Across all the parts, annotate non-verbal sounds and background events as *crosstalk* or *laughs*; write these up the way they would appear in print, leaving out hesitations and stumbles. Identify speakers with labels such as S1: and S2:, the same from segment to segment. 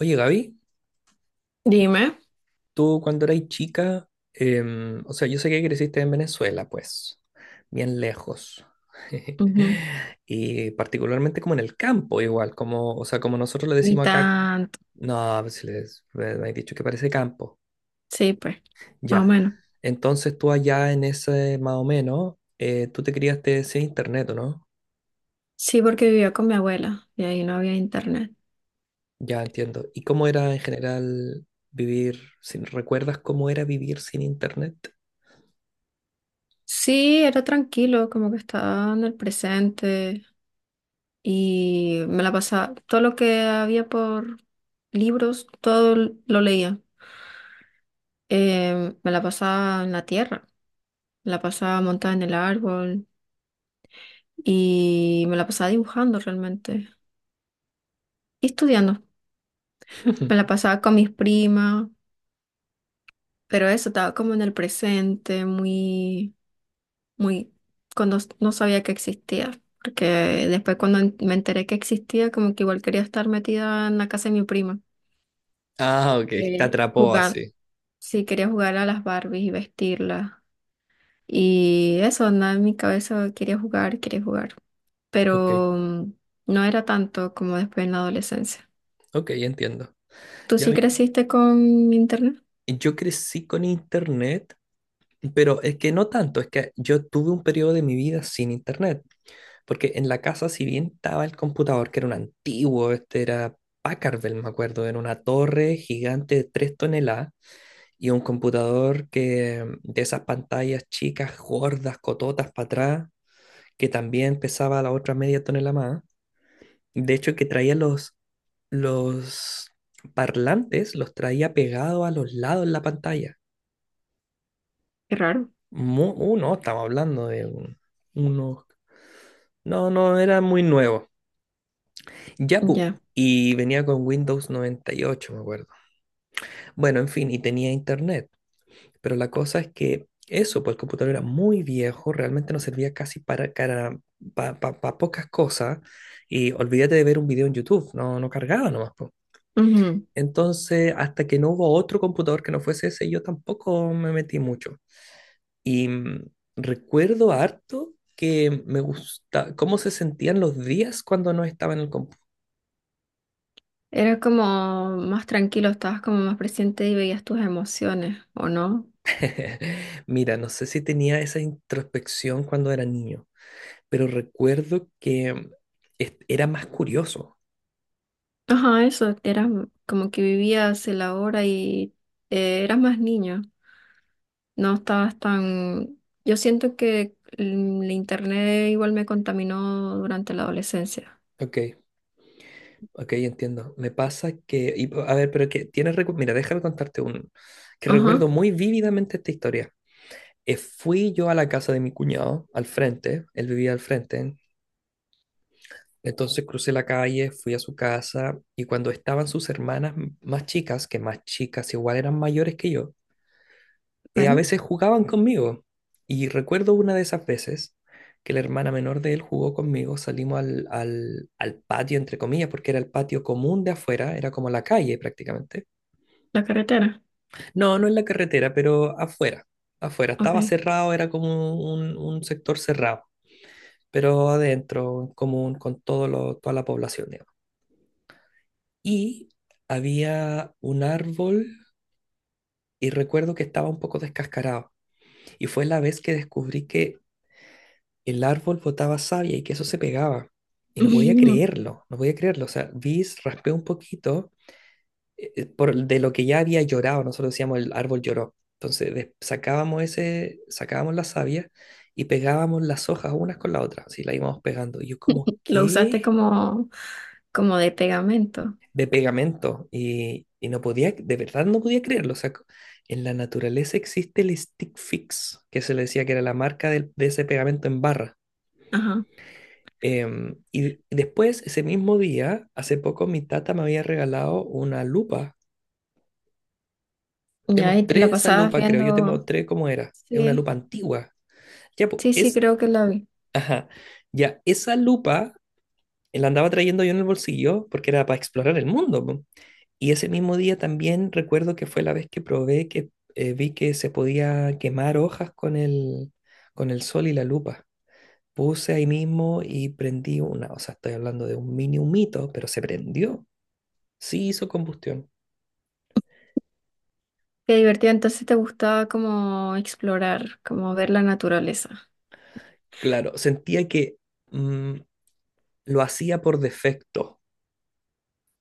S1: Oye, Gaby,
S2: Dime.
S1: tú cuando eras chica, o sea, yo sé que creciste en Venezuela, pues, bien lejos. *laughs*
S2: Ujú.
S1: Y particularmente como en el campo, igual, como, o sea, como nosotros le
S2: Ni
S1: decimos acá,
S2: tanto.
S1: no, pues, si les, me has dicho que parece campo,
S2: Sí, pues, más o
S1: ya.
S2: menos.
S1: Entonces tú allá en ese, más o menos, tú te criaste sin internet, ¿o no?
S2: Sí, porque vivía con mi abuela y ahí no había internet.
S1: Ya entiendo. ¿Y cómo era en general vivir sin, recuerdas cómo era vivir sin internet?
S2: Sí, era tranquilo, como que estaba en el presente y me la pasaba. Todo lo que había por libros, todo lo leía. Me la pasaba en la tierra, me la pasaba montada en el árbol y me la pasaba dibujando realmente y estudiando. Me la
S1: *laughs*
S2: pasaba con mis primas, pero eso estaba como en el presente, muy muy, no sabía que existía, porque después cuando me enteré que existía, como que igual quería estar metida en la casa de mi prima,
S1: Ah, ok, te atrapó
S2: jugar,
S1: así.
S2: sí, quería jugar a las Barbies y vestirlas. Y eso, nada en mi cabeza, quería jugar,
S1: Ok,
S2: pero no era tanto como después en la adolescencia.
S1: ok, entiendo.
S2: ¿Tú
S1: Ya
S2: sí
S1: vi-
S2: creciste con internet?
S1: yo crecí con internet, pero es que no tanto, es que yo tuve un periodo de mi vida sin internet, porque en la casa, si bien estaba el computador, que era un antiguo, este era Packard Bell, me acuerdo, era una torre gigante de 3 toneladas y un computador que de esas pantallas chicas, gordas, cototas para atrás, que también pesaba la otra media tonelada más. De hecho, que traía los parlantes los traía pegados a los lados de la pantalla.
S2: Qué raro.
S1: No, estamos hablando de unos. No, no, era muy nuevo. Ya, pu,
S2: Ya.
S1: Y venía con Windows 98, me acuerdo. Bueno, en fin, y tenía internet. Pero la cosa es que eso, pues el computador era muy viejo, realmente no servía casi para, pa- pa- pa pocas cosas. Y olvídate de ver un video en YouTube, no, no cargaba nomás, po.
S2: Ujú.
S1: Entonces, hasta que no hubo otro computador que no fuese ese, yo tampoco me metí mucho. Y recuerdo harto que me gusta cómo se sentían los días cuando no estaba en el computador.
S2: Era como más tranquilo, estabas como más presente y veías tus emociones, ¿o no?
S1: *laughs* Mira, no sé si tenía esa introspección cuando era niño, pero recuerdo que era más curioso.
S2: Ajá, eso, eras como que vivías el ahora y eras más niño, no estabas tan... Yo siento que el internet igual me contaminó durante la adolescencia.
S1: Ok, ok, entiendo. Me pasa que, y, a ver, pero que tienes, mira, déjame contarte un, que
S2: Ajá,
S1: recuerdo muy vívidamente esta historia. Fui yo a la casa de mi cuñado, al frente, él vivía al frente, entonces crucé la calle, fui a su casa y cuando estaban sus hermanas más chicas, que más chicas igual eran mayores que yo, a
S2: bueno,
S1: veces jugaban conmigo. Y recuerdo una de esas veces que la hermana menor de él jugó conmigo, salimos al patio, entre comillas, porque era el patio común de afuera, era como la calle prácticamente.
S2: la carretera,
S1: No, no en la carretera, pero afuera, afuera, estaba
S2: ok.
S1: cerrado, era como un sector cerrado. Pero adentro, en común con todo toda la población, digamos. Y había un árbol y recuerdo que estaba un poco descascarado. Y fue la vez que descubrí que el árbol botaba savia y que eso se pegaba. Y no podía
S2: *laughs*
S1: creerlo, no podía creerlo. O sea, vi, raspé un poquito por, de lo que ya había llorado. Nosotros decíamos el árbol lloró. Entonces sacábamos ese, sacábamos la savia y pegábamos las hojas unas con la otra. Así la íbamos pegando. Y yo como,
S2: Lo usaste
S1: ¿qué?
S2: como, como de pegamento.
S1: De pegamento y no podía, de verdad no podía creerlo. O sea, en la naturaleza existe el Stick Fix, que se le decía que era la marca de ese pegamento en barra.
S2: Ajá,
S1: Y después, ese mismo día, hace poco mi tata me había regalado una lupa. Te
S2: ya, y te
S1: mostré
S2: la
S1: esa
S2: pasabas
S1: lupa, creo, yo te
S2: viendo...
S1: mostré cómo era. Es una
S2: Sí,
S1: lupa antigua. Ya, pues,
S2: sí, sí,
S1: es,
S2: creo que la vi.
S1: ajá, ya, esa lupa la andaba trayendo yo en el bolsillo porque era para explorar el mundo, po. Y ese mismo día también recuerdo que fue la vez que probé que vi que se podía quemar hojas con el sol y la lupa. Puse ahí mismo y prendí una, o sea, estoy hablando de un mini humito, pero se prendió. Sí hizo combustión.
S2: Qué divertido, entonces te gustaba como explorar, como ver la naturaleza.
S1: Claro, sentía que mm, lo hacía por defecto.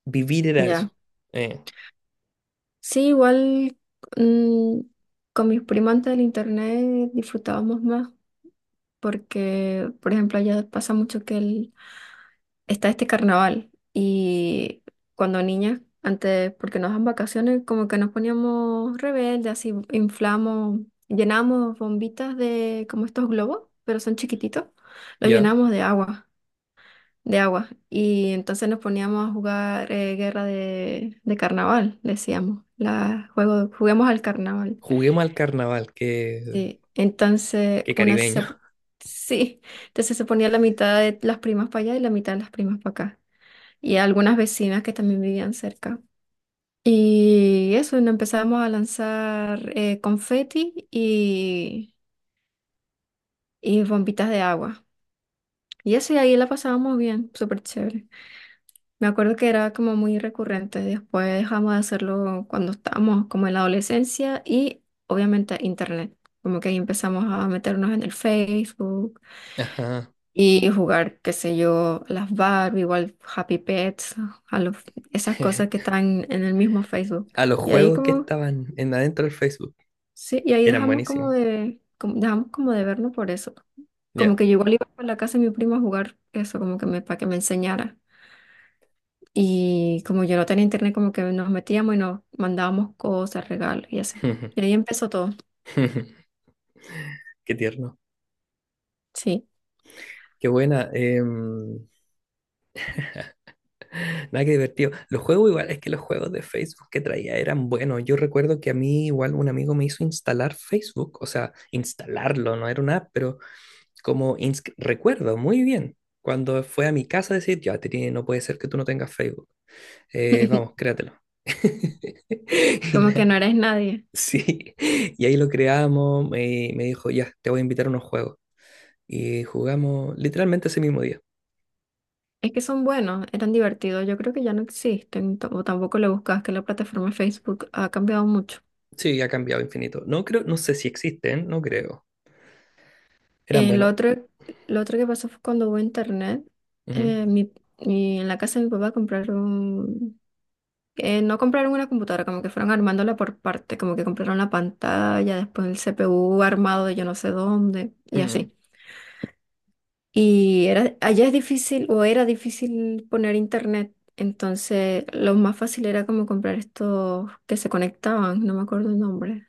S1: Vivir era eso.
S2: Ya.
S1: Eh,
S2: Sí, igual mm, con mis primas antes del internet disfrutábamos más porque, por ejemplo, allá pasa mucho que el- está este carnaval y cuando niñas, antes, porque nos dan vacaciones, como que nos poníamos rebeldes, así inflamos, llenamos bombitas de como estos globos, pero son chiquititos, los
S1: ya.
S2: llenamos de agua y entonces nos poníamos a jugar guerra de carnaval, decíamos, la, juego, juguemos al carnaval.
S1: Juguemos al carnaval, que,
S2: Sí, entonces
S1: que
S2: una
S1: caribeño.
S2: se, sí, entonces se ponía la mitad de las primas para allá y la mitad de las primas para acá. Y algunas vecinas que también vivían cerca. Y eso, nos empezamos a lanzar confeti y bombitas de agua. Y eso, y ahí la pasábamos bien, súper chévere. Me acuerdo que era como muy recurrente. Después dejamos de hacerlo cuando estábamos como en la adolescencia y obviamente internet. Como que ahí empezamos a meternos en el Facebook.
S1: Ajá.
S2: Y jugar, qué sé yo, las Barbie, igual Happy Pets, a los, esas cosas que
S1: *laughs*
S2: están en el mismo Facebook.
S1: A los
S2: Y ahí
S1: juegos que
S2: como,
S1: estaban en adentro del Facebook.
S2: sí, y ahí
S1: Eran
S2: dejamos como
S1: buenísimos.
S2: de, dejamos como de vernos por eso. Como
S1: Ya.
S2: que yo igual iba a la casa de mi primo a jugar eso, como que me, para que me enseñara. Y como yo no tenía internet, como que nos metíamos y nos mandábamos cosas, regalos y así. Y
S1: *laughs*
S2: ahí empezó todo,
S1: *laughs* Qué tierno.
S2: sí.
S1: Qué buena. Nada, que divertido. Los juegos igual, es que los juegos de Facebook que traía eran buenos. Yo recuerdo que a mí igual un amigo me hizo instalar Facebook, o sea, instalarlo, no era una app, pero como recuerdo muy bien cuando fue a mi casa a decir, ya, Trini, no puede ser que tú no tengas Facebook. Vamos,
S2: *laughs*
S1: créatelo. *laughs* Y
S2: Como que no eres nadie.
S1: sí, y ahí lo creamos, me dijo, ya, te voy a invitar a unos juegos. Y jugamos literalmente ese mismo día.
S2: Es que son buenos, eran divertidos. Yo creo que ya no existen, o tampoco le buscas, que la plataforma de Facebook ha cambiado mucho.
S1: Sí, ha cambiado infinito. No creo, no sé si existen, no creo. Eran
S2: El
S1: buenos.
S2: otro, lo otro que pasó fue cuando hubo internet.
S1: Ujú.
S2: eh, mi, en la casa de mi papá compraron, no compraron una computadora, como que fueron armándola por parte, como que compraron la pantalla, después el CPU armado de yo no sé dónde, y
S1: Mm.
S2: así. Y era, allá es difícil o era difícil poner internet, entonces lo más fácil era como comprar estos que se conectaban, no me acuerdo el nombre.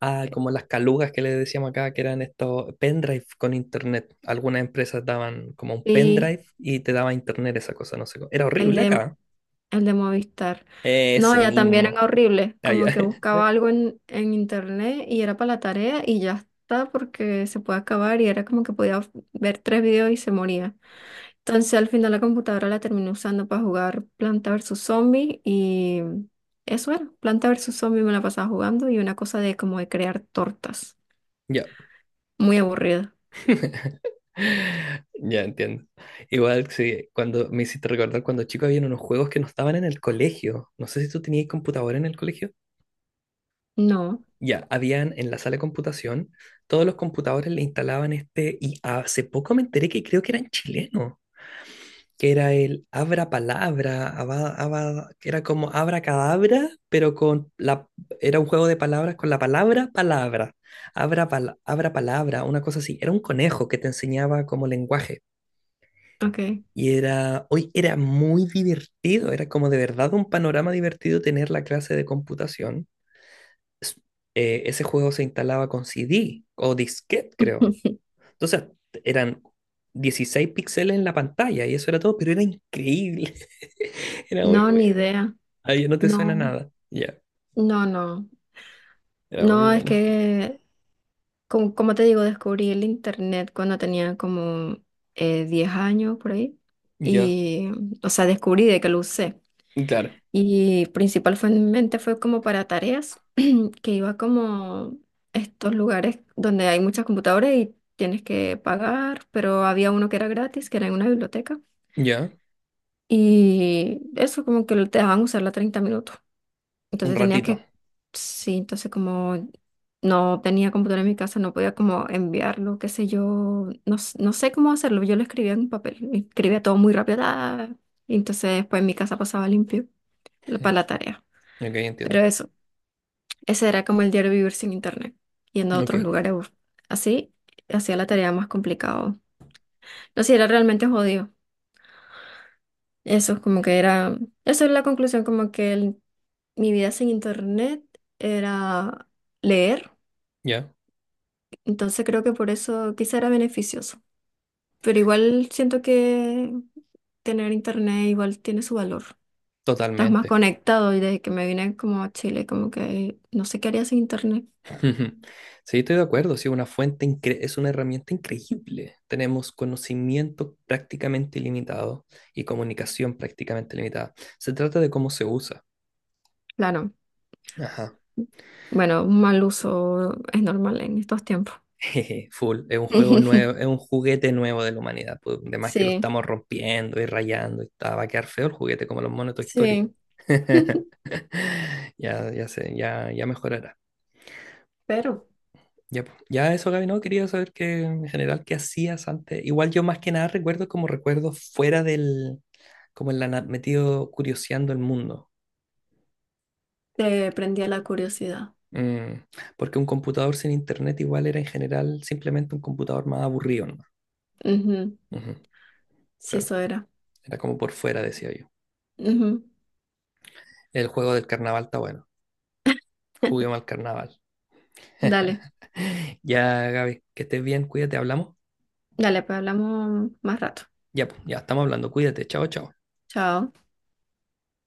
S1: Ah,
S2: eh,
S1: como las calugas que le decíamos acá, que eran estos pendrive con internet. Algunas empresas daban como un
S2: y
S1: pendrive y te daba internet esa cosa, no sé cómo. Era
S2: el
S1: horrible
S2: de,
S1: acá.
S2: el de Movistar. No,
S1: Ese
S2: ya también era
S1: mismo.
S2: horrible,
S1: Ah,
S2: como
S1: ya.
S2: que buscaba
S1: *laughs*
S2: algo en internet y era para la tarea y ya está porque se puede acabar y era como que podía ver tres videos y se moría. Entonces al final la computadora la terminé usando para jugar Planta versus Zombie y eso era, Planta versus Zombie me la pasaba jugando y una cosa de como de crear tortas,
S1: Ya.
S2: muy aburrida.
S1: *laughs* Ya entiendo. Igual sí, cuando me hiciste recordar cuando chico había unos juegos que no estaban en el colegio. No sé si tú tenías computadora en el colegio.
S2: No,
S1: Ya, habían en la sala de computación, todos los computadores le instalaban este, y hace poco me enteré que creo que eran chilenos, que era el abra palabra, que era como abra cadabra, pero con la, era un juego de palabras con la palabra palabra, abra, abra palabra, una cosa así, era un conejo que te enseñaba como lenguaje.
S2: ok.
S1: Y era, hoy era muy divertido, era como de verdad un panorama divertido tener la clase de computación s- ese juego se instalaba con CD o disquete, creo.
S2: *laughs*
S1: Entonces eran 16 píxeles en la pantalla y eso era todo, pero era increíble. *laughs* Era muy
S2: No, ni
S1: bueno.
S2: idea.
S1: Ahí no te suena
S2: No,
S1: nada. Ya,
S2: no, no.
S1: era muy
S2: No, es
S1: bueno.
S2: que, como, como te digo, descubrí el internet cuando tenía como 10 años por ahí.
S1: Ya,
S2: Y, o sea, descubrí de que lo usé.
S1: claro.
S2: Y principalmente fue como para tareas que iba como estos lugares donde hay muchas computadoras y tienes que pagar, pero había uno que era gratis, que era en una biblioteca,
S1: Ya,
S2: y eso como que te dejaban usarla 30 minutos.
S1: un
S2: Entonces tenía
S1: ratito.
S2: que, sí, entonces como no tenía computadora en mi casa, no podía como enviarlo, qué sé yo, no, no sé cómo hacerlo, yo lo escribía en un papel, escribía todo muy rápido, ah, y entonces después en mi casa pasaba limpio para la tarea.
S1: Ok,
S2: Pero
S1: entiendo.
S2: eso. Ese era como el diario vivir sin internet, yendo a
S1: Ok,
S2: otros lugares. Así hacía la tarea más complicada. No sé, era realmente jodido. Eso es como que era, eso es la conclusión, mi vida sin internet era leer.
S1: ya,
S2: Entonces creo que por eso quizá era beneficioso. Pero igual siento que tener internet igual tiene su valor. Estás más
S1: totalmente.
S2: conectado y desde que me vine como a Chile, como que no sé qué haría sin internet.
S1: *laughs* Ujú. Sí, estoy de acuerdo, sí, una fuente es una herramienta increíble. Tenemos conocimiento prácticamente ilimitado y comunicación prácticamente limitada. Se trata de cómo se usa.
S2: Claro.
S1: Ajá. *laughs*
S2: Bueno, un mal uso es normal en estos tiempos.
S1: Jeje, full, es un juego
S2: *laughs*
S1: nuevo, es un juguete nuevo de la humanidad, pues, además que lo
S2: Sí,
S1: estamos rompiendo y rayando y está, va a quedar feo el juguete como los monos de Toy Story.
S2: sí. *laughs*
S1: *laughs* Ya, ya sé, ya, ya mejorará.
S2: Pero
S1: Ya, po, ya, eso, Gaby, no, quería saber que en general qué hacías antes. Igual yo más que nada recuerdo como recuerdos fuera del, como en la, metido curioseando el mundo.
S2: te prendía la curiosidad.
S1: Mm, Porque un computador sin internet igual era en general simplemente un computador más aburrido, ¿no?
S2: Ujú,
S1: Ujú,
S2: sí,
S1: claro,
S2: eso era.
S1: era como por fuera, decía yo.
S2: Ujú.
S1: El juego del carnaval está bueno. Juguemos
S2: *laughs*
S1: al carnaval.
S2: Dale,
S1: *laughs* Ya, Gaby, que estés bien, cuídate, hablamos.
S2: dale, pues hablamos más rato.
S1: Ya, pues, ya estamos hablando, cuídate, chao, chao.
S2: Chao.